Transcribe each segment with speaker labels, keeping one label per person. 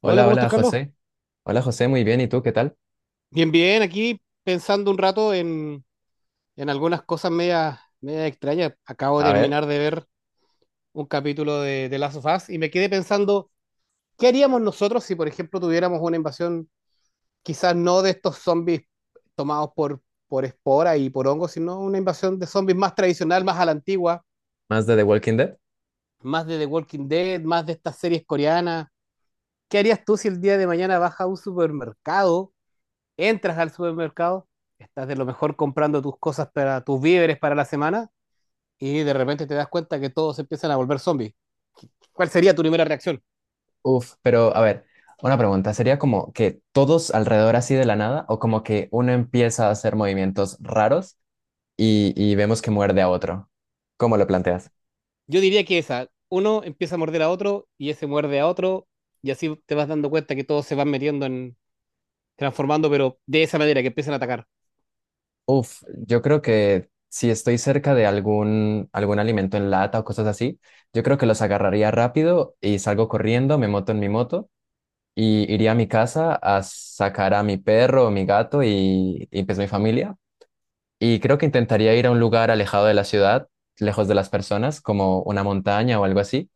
Speaker 1: Hola,
Speaker 2: Hola,
Speaker 1: ¿cómo estás, Carlos?
Speaker 2: José. Hola José, muy bien. ¿Y tú qué tal?
Speaker 1: Bien, bien, aquí pensando un rato en algunas cosas medias medias extrañas. Acabo de
Speaker 2: A ver,
Speaker 1: terminar de ver un capítulo de Last of Us y me quedé pensando, ¿qué haríamos nosotros si, por ejemplo, tuviéramos una invasión, quizás no de estos zombies tomados por esporas y por hongos, sino una invasión de zombies más tradicional, más a la antigua,
Speaker 2: más de The Walking Dead.
Speaker 1: más de The Walking Dead, más de estas series coreanas? ¿Qué harías tú si el día de mañana vas a un supermercado, entras al supermercado, estás de lo mejor comprando tus cosas para tus víveres para la semana y de repente te das cuenta que todos empiezan a volver zombies? ¿Cuál sería tu primera reacción?
Speaker 2: Uf, pero a ver, una pregunta. ¿Sería como que todos alrededor así de la nada o como que uno empieza a hacer movimientos raros y vemos que muerde a otro? ¿Cómo lo planteas?
Speaker 1: Yo diría que esa, uno empieza a morder a otro y ese muerde a otro y así te vas dando cuenta que todos se van metiendo en transformando, pero de esa manera que empiezan a atacar.
Speaker 2: Uf, yo creo que si estoy cerca de algún alimento en lata o cosas así, yo creo que los agarraría rápido y salgo corriendo, me moto en mi moto. Y iría a mi casa a sacar a mi perro o mi gato y pues mi familia. Y creo que intentaría ir a un lugar alejado de la ciudad, lejos de las personas, como una montaña o algo así,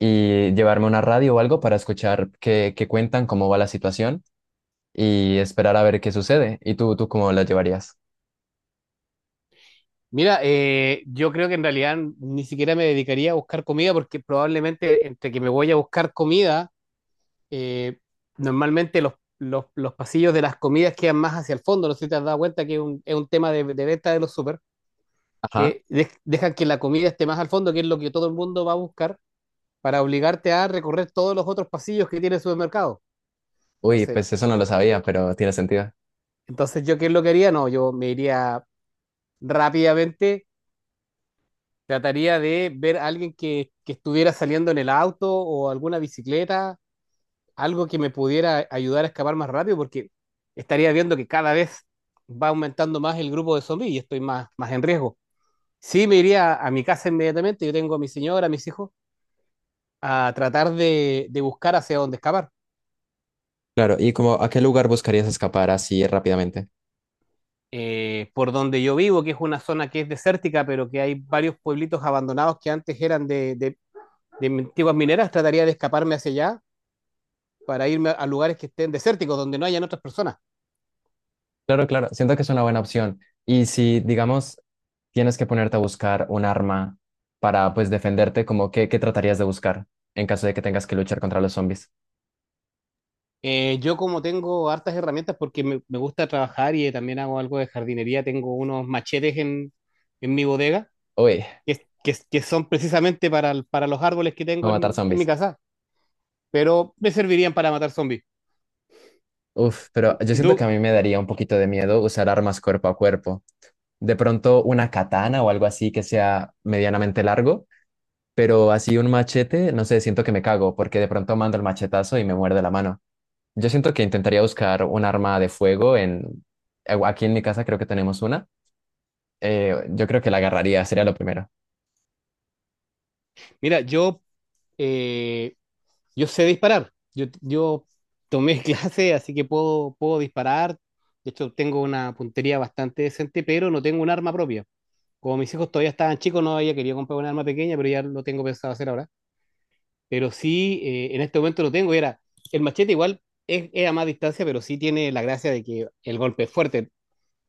Speaker 2: y llevarme una radio o algo para escuchar qué cuentan, cómo va la situación y esperar a ver qué sucede. ¿Y tú cómo la llevarías?
Speaker 1: Mira, yo creo que en realidad ni siquiera me dedicaría a buscar comida porque probablemente entre que me voy a buscar comida eh, normalmente los pasillos de las comidas quedan más hacia el fondo. No sé si te has dado cuenta que es un tema de venta de los súper,
Speaker 2: Ajá.
Speaker 1: que dejan que la comida esté más al fondo, que es lo que todo el mundo va a buscar, para obligarte a recorrer todos los otros pasillos que tiene el supermercado.
Speaker 2: Uy,
Speaker 1: Entonces,
Speaker 2: pues eso no lo sabía, pero tiene sentido.
Speaker 1: entonces, ¿yo qué es lo que haría? No, yo me iría rápidamente, trataría de ver a alguien que estuviera saliendo en el auto o alguna bicicleta, algo que me pudiera ayudar a escapar más rápido, porque estaría viendo que cada vez va aumentando más el grupo de zombies y estoy más, más en riesgo. Sí, me iría a mi casa inmediatamente, yo tengo a mi señora, a mis hijos, a tratar de buscar hacia dónde escapar.
Speaker 2: Claro, ¿y como a qué lugar buscarías escapar así rápidamente?
Speaker 1: Por donde yo vivo, que es una zona que es desértica, pero que hay varios pueblitos abandonados que antes eran de antiguas mineras, trataría de escaparme hacia allá para irme a lugares que estén desérticos, donde no hayan otras personas.
Speaker 2: Claro, claro, siento que es una buena opción. Y si, digamos, tienes que ponerte a buscar un arma para, pues, defenderte, como qué tratarías de buscar en caso de que tengas que luchar contra los zombies?
Speaker 1: Yo como tengo hartas herramientas porque me gusta trabajar y también hago algo de jardinería, tengo unos machetes en mi bodega
Speaker 2: Uy,
Speaker 1: que son precisamente para, para los árboles que
Speaker 2: a
Speaker 1: tengo
Speaker 2: matar
Speaker 1: en mi
Speaker 2: zombies.
Speaker 1: casa, pero me servirían para matar zombies.
Speaker 2: Uf, pero
Speaker 1: ¿Y
Speaker 2: yo
Speaker 1: y
Speaker 2: siento que
Speaker 1: tú?
Speaker 2: a mí me daría un poquito de miedo usar armas cuerpo a cuerpo. De pronto una katana o algo así que sea medianamente largo, pero así un machete, no sé, siento que me cago porque de pronto mando el machetazo y me muerde la mano. Yo siento que intentaría buscar un arma de fuego en... Aquí en mi casa creo que tenemos una. Yo creo que la agarraría, sería lo primero.
Speaker 1: Mira, eh, yo sé disparar, yo tomé clase, así que puedo disparar, de hecho tengo una puntería bastante decente, pero no tengo un arma propia. Como mis hijos todavía estaban chicos, no había querido comprar un arma pequeña, pero ya lo tengo pensado hacer ahora. Pero sí, en este momento lo tengo. Y era, el machete igual es a más distancia, pero sí tiene la gracia de que el golpe es fuerte.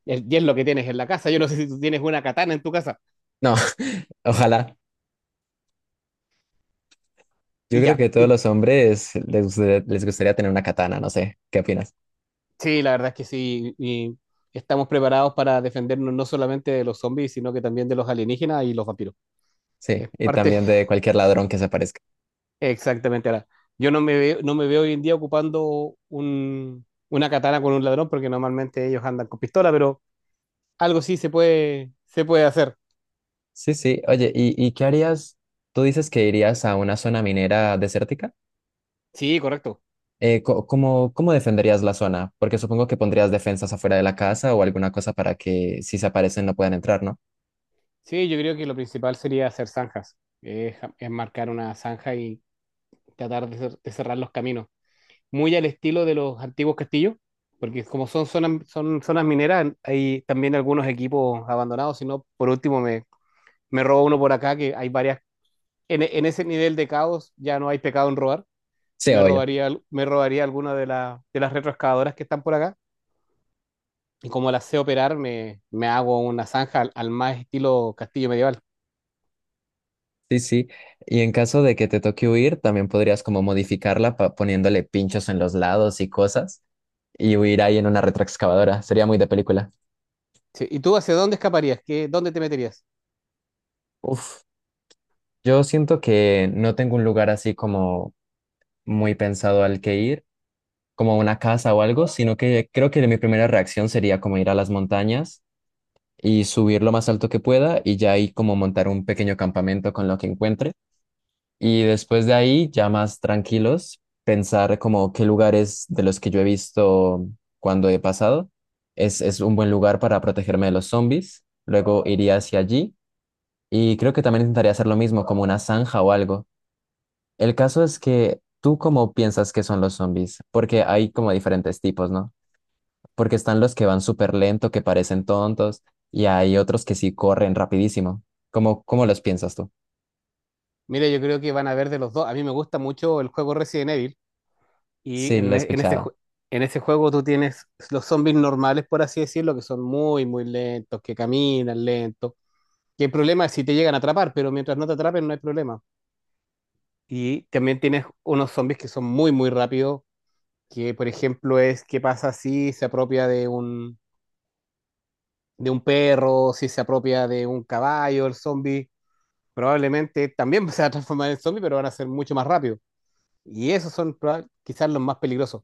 Speaker 1: Y es lo que tienes en la casa. Yo no sé si tú tienes una katana en tu casa.
Speaker 2: No, ojalá.
Speaker 1: Y
Speaker 2: Yo creo
Speaker 1: ya.
Speaker 2: que todos
Speaker 1: Y,
Speaker 2: los hombres les gustaría tener una katana, no sé. ¿Qué opinas?
Speaker 1: sí, la verdad es que sí. Y estamos preparados para defendernos no solamente de los zombies, sino que también de los alienígenas y los vampiros.
Speaker 2: Sí,
Speaker 1: Es
Speaker 2: y
Speaker 1: parte,
Speaker 2: también de cualquier ladrón que se aparezca.
Speaker 1: exactamente. Ahora, yo no me veo, no me veo hoy en día ocupando una katana con un ladrón, porque normalmente ellos andan con pistola, pero algo sí se puede hacer.
Speaker 2: Sí, sí. Oye, ¿y qué harías? Tú dices que irías a una zona minera desértica.
Speaker 1: Sí, correcto.
Speaker 2: ¿Cómo defenderías la zona? Porque supongo que pondrías defensas afuera de la casa o alguna cosa para que si se aparecen no puedan entrar, ¿no?
Speaker 1: Sí, yo creo que lo principal sería hacer zanjas, es marcar una zanja y tratar de cerrar los caminos, muy al estilo de los antiguos castillos, porque como son zonas mineras, hay también algunos equipos abandonados, si no, por último me robo uno por acá, que hay varias, en ese nivel de caos ya no hay pecado en robar,
Speaker 2: Sí,
Speaker 1: me
Speaker 2: obvio.
Speaker 1: robaría, al- me robaría alguna de las retroexcavadoras que están por acá, y como las sé operar, me hago una zanja al más estilo castillo medieval.
Speaker 2: Sí, sí. Y en caso de que te toque huir, también podrías como modificarla poniéndole pinchos en los lados y cosas y huir ahí en una retroexcavadora. Sería muy de película.
Speaker 1: Sí, ¿y tú hacia dónde escaparías? ¿Qué, dónde te meterías?
Speaker 2: Uf, yo siento que no tengo un lugar así como muy pensado al que ir, como a una casa o algo, sino que creo que mi primera reacción sería como ir a las montañas y subir lo más alto que pueda y ya ahí como montar un pequeño campamento con lo que encuentre. Y después de ahí, ya más tranquilos, pensar como qué lugares de los que yo he visto cuando he pasado es un buen lugar para protegerme de los zombies. Luego iría hacia allí y creo que también intentaría hacer lo mismo, como una zanja o algo. El caso es que tú cómo piensas que son los zombies, porque hay como diferentes tipos, ¿no? Porque están los que van súper lento, que parecen tontos, y hay otros que sí corren rapidísimo. ¿Cómo los piensas tú?
Speaker 1: Mira, yo creo que van a ver de los dos. A mí me gusta mucho el juego Resident Evil y
Speaker 2: Sí,
Speaker 1: en,
Speaker 2: lo he
Speaker 1: e- en ese,
Speaker 2: escuchado.
Speaker 1: ju- en ese juego tú tienes los zombies normales, por así decirlo, que son muy, muy lentos, que caminan lentos. Que el problema es si te llegan a atrapar, pero mientras no te atrapen no hay problema. Y también tienes unos zombies que son muy, muy rápidos, que por ejemplo es qué pasa si se apropia de un perro, si se apropia de un caballo, el zombie. Probablemente también se va a transformar en zombie, pero van a ser mucho más rápido. Y esos son quizás los más peligrosos.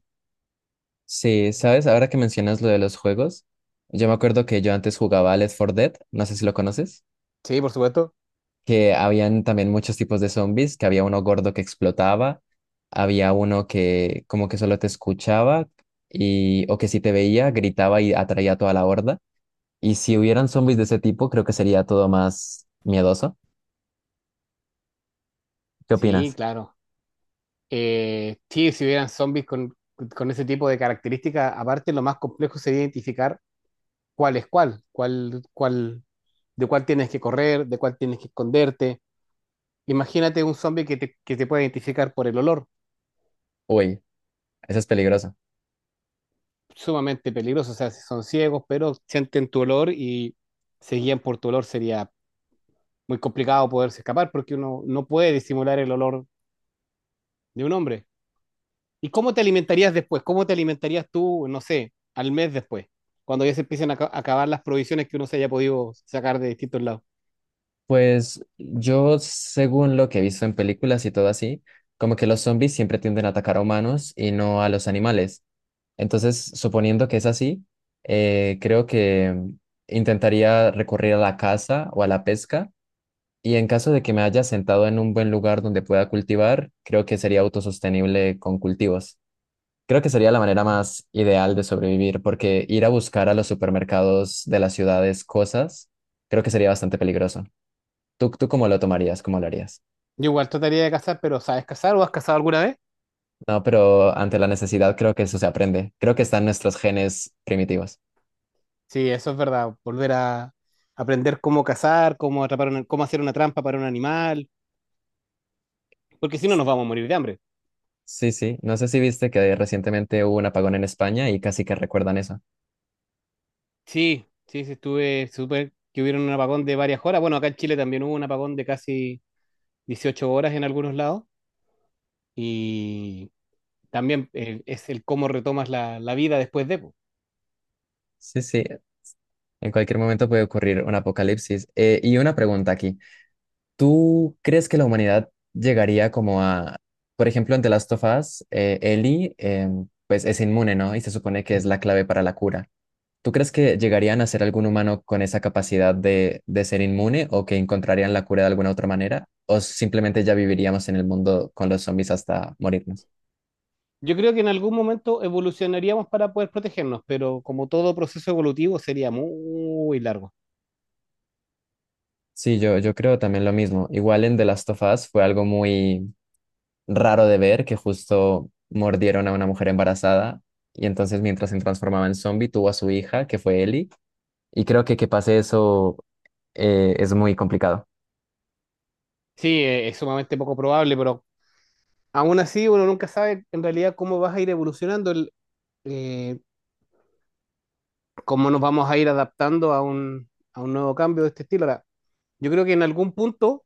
Speaker 2: Sí, ¿sabes? Ahora que mencionas lo de los juegos, yo me acuerdo que yo antes jugaba al Left 4 Dead, no sé si lo conoces,
Speaker 1: Sí, por supuesto.
Speaker 2: que habían también muchos tipos de zombies, que había uno gordo que explotaba, había uno que como que solo te escuchaba y o que si te veía gritaba y atraía a toda la horda. Y si hubieran zombies de ese tipo, creo que sería todo más miedoso. ¿Qué
Speaker 1: Sí,
Speaker 2: opinas?
Speaker 1: claro. Sí, si hubieran zombies con ese tipo de características, aparte lo más complejo sería identificar cuál es cuál, de cuál tienes que correr, de cuál tienes que esconderte. Imagínate un zombie que te puede identificar por el olor,
Speaker 2: Uy, eso es peligroso.
Speaker 1: sumamente peligroso. O sea, si son ciegos, pero sienten tu olor y se guían por tu olor, sería muy complicado poderse escapar porque uno no puede disimular el olor de un hombre. ¿Y cómo te alimentarías después? ¿Cómo te alimentarías tú, no sé, al mes después? Cuando ya se empiecen a acabar las provisiones que uno se haya podido sacar de distintos lados.
Speaker 2: Pues yo, según lo que he visto en películas y todo así, como que los zombies siempre tienden a atacar a humanos y no a los animales. Entonces, suponiendo que es así, creo que intentaría recurrir a la caza o a la pesca. Y en caso de que me haya sentado en un buen lugar donde pueda cultivar, creo que sería autosostenible con cultivos. Creo que sería la manera más ideal de sobrevivir, porque ir a buscar a los supermercados de las ciudades cosas, creo que sería bastante peligroso. ¿Tú cómo lo tomarías? ¿Cómo lo harías?
Speaker 1: Yo igual trataría de cazar, pero ¿sabes cazar o has cazado alguna vez?
Speaker 2: No, pero ante la necesidad creo que eso se aprende. Creo que están nuestros genes primitivos.
Speaker 1: Sí, eso es verdad. Volver a aprender cómo cazar, cómo atrapar cómo hacer una trampa para un animal, porque si no
Speaker 2: S-
Speaker 1: nos vamos a morir de hambre.
Speaker 2: Sí, sí. No sé si viste que recientemente hubo un apagón en España y casi que recuerdan eso.
Speaker 1: Sí, sí, sí, estuve súper que hubieron un apagón de varias horas. Bueno, acá en Chile también hubo un apagón de casi 18 horas en algunos lados. Y también es el cómo retomas la vida después de, po.
Speaker 2: Sí, sí. En cualquier momento puede ocurrir un apocalipsis. Y una pregunta aquí. ¿Tú crees que la humanidad llegaría como a, por ejemplo, en The Last of Us, Ellie, pues es inmune, ¿no? Y se supone que es la clave para la cura. ¿Tú crees que llegarían a ser algún humano con esa capacidad de ser inmune o que encontrarían la cura de alguna otra manera? ¿O simplemente ya viviríamos en el mundo con los zombies hasta morirnos?
Speaker 1: Yo creo que en algún momento evolucionaríamos para poder protegernos, pero como todo proceso evolutivo sería muy largo.
Speaker 2: Sí, yo creo también lo mismo. Igual en The Last of Us fue algo muy raro de ver, que justo mordieron a una mujer embarazada y entonces mientras se transformaba en zombie tuvo a su hija, que fue Ellie, y creo que pase eso es muy complicado.
Speaker 1: Sí, es sumamente poco probable, pero aún así uno nunca sabe en realidad cómo vas a ir evolucionando, eh, cómo nos vamos a ir adaptando a un nuevo cambio de este estilo. Ahora, yo creo que en algún punto,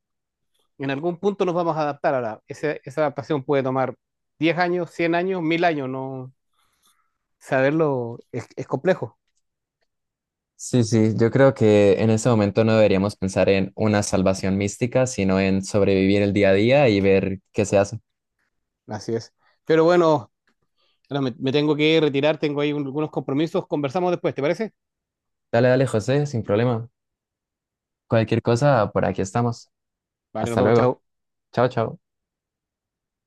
Speaker 1: en algún punto nos vamos a adaptar. Ahora, esa adaptación puede tomar 10 años, 100 años, 1000 años, no saberlo es complejo.
Speaker 2: Sí, sí, yo creo que en ese momento no deberíamos pensar en una salvación mística, sino en sobrevivir el día a día y ver qué se hace.
Speaker 1: Así es. Pero bueno, ahora me tengo que retirar, tengo ahí algunos compromisos. Conversamos después, ¿te parece?
Speaker 2: Dale, dale, José, sin problema. Cualquier cosa, por aquí estamos.
Speaker 1: Vale, nos
Speaker 2: Hasta
Speaker 1: vemos,
Speaker 2: luego.
Speaker 1: chao.
Speaker 2: Chao, chao.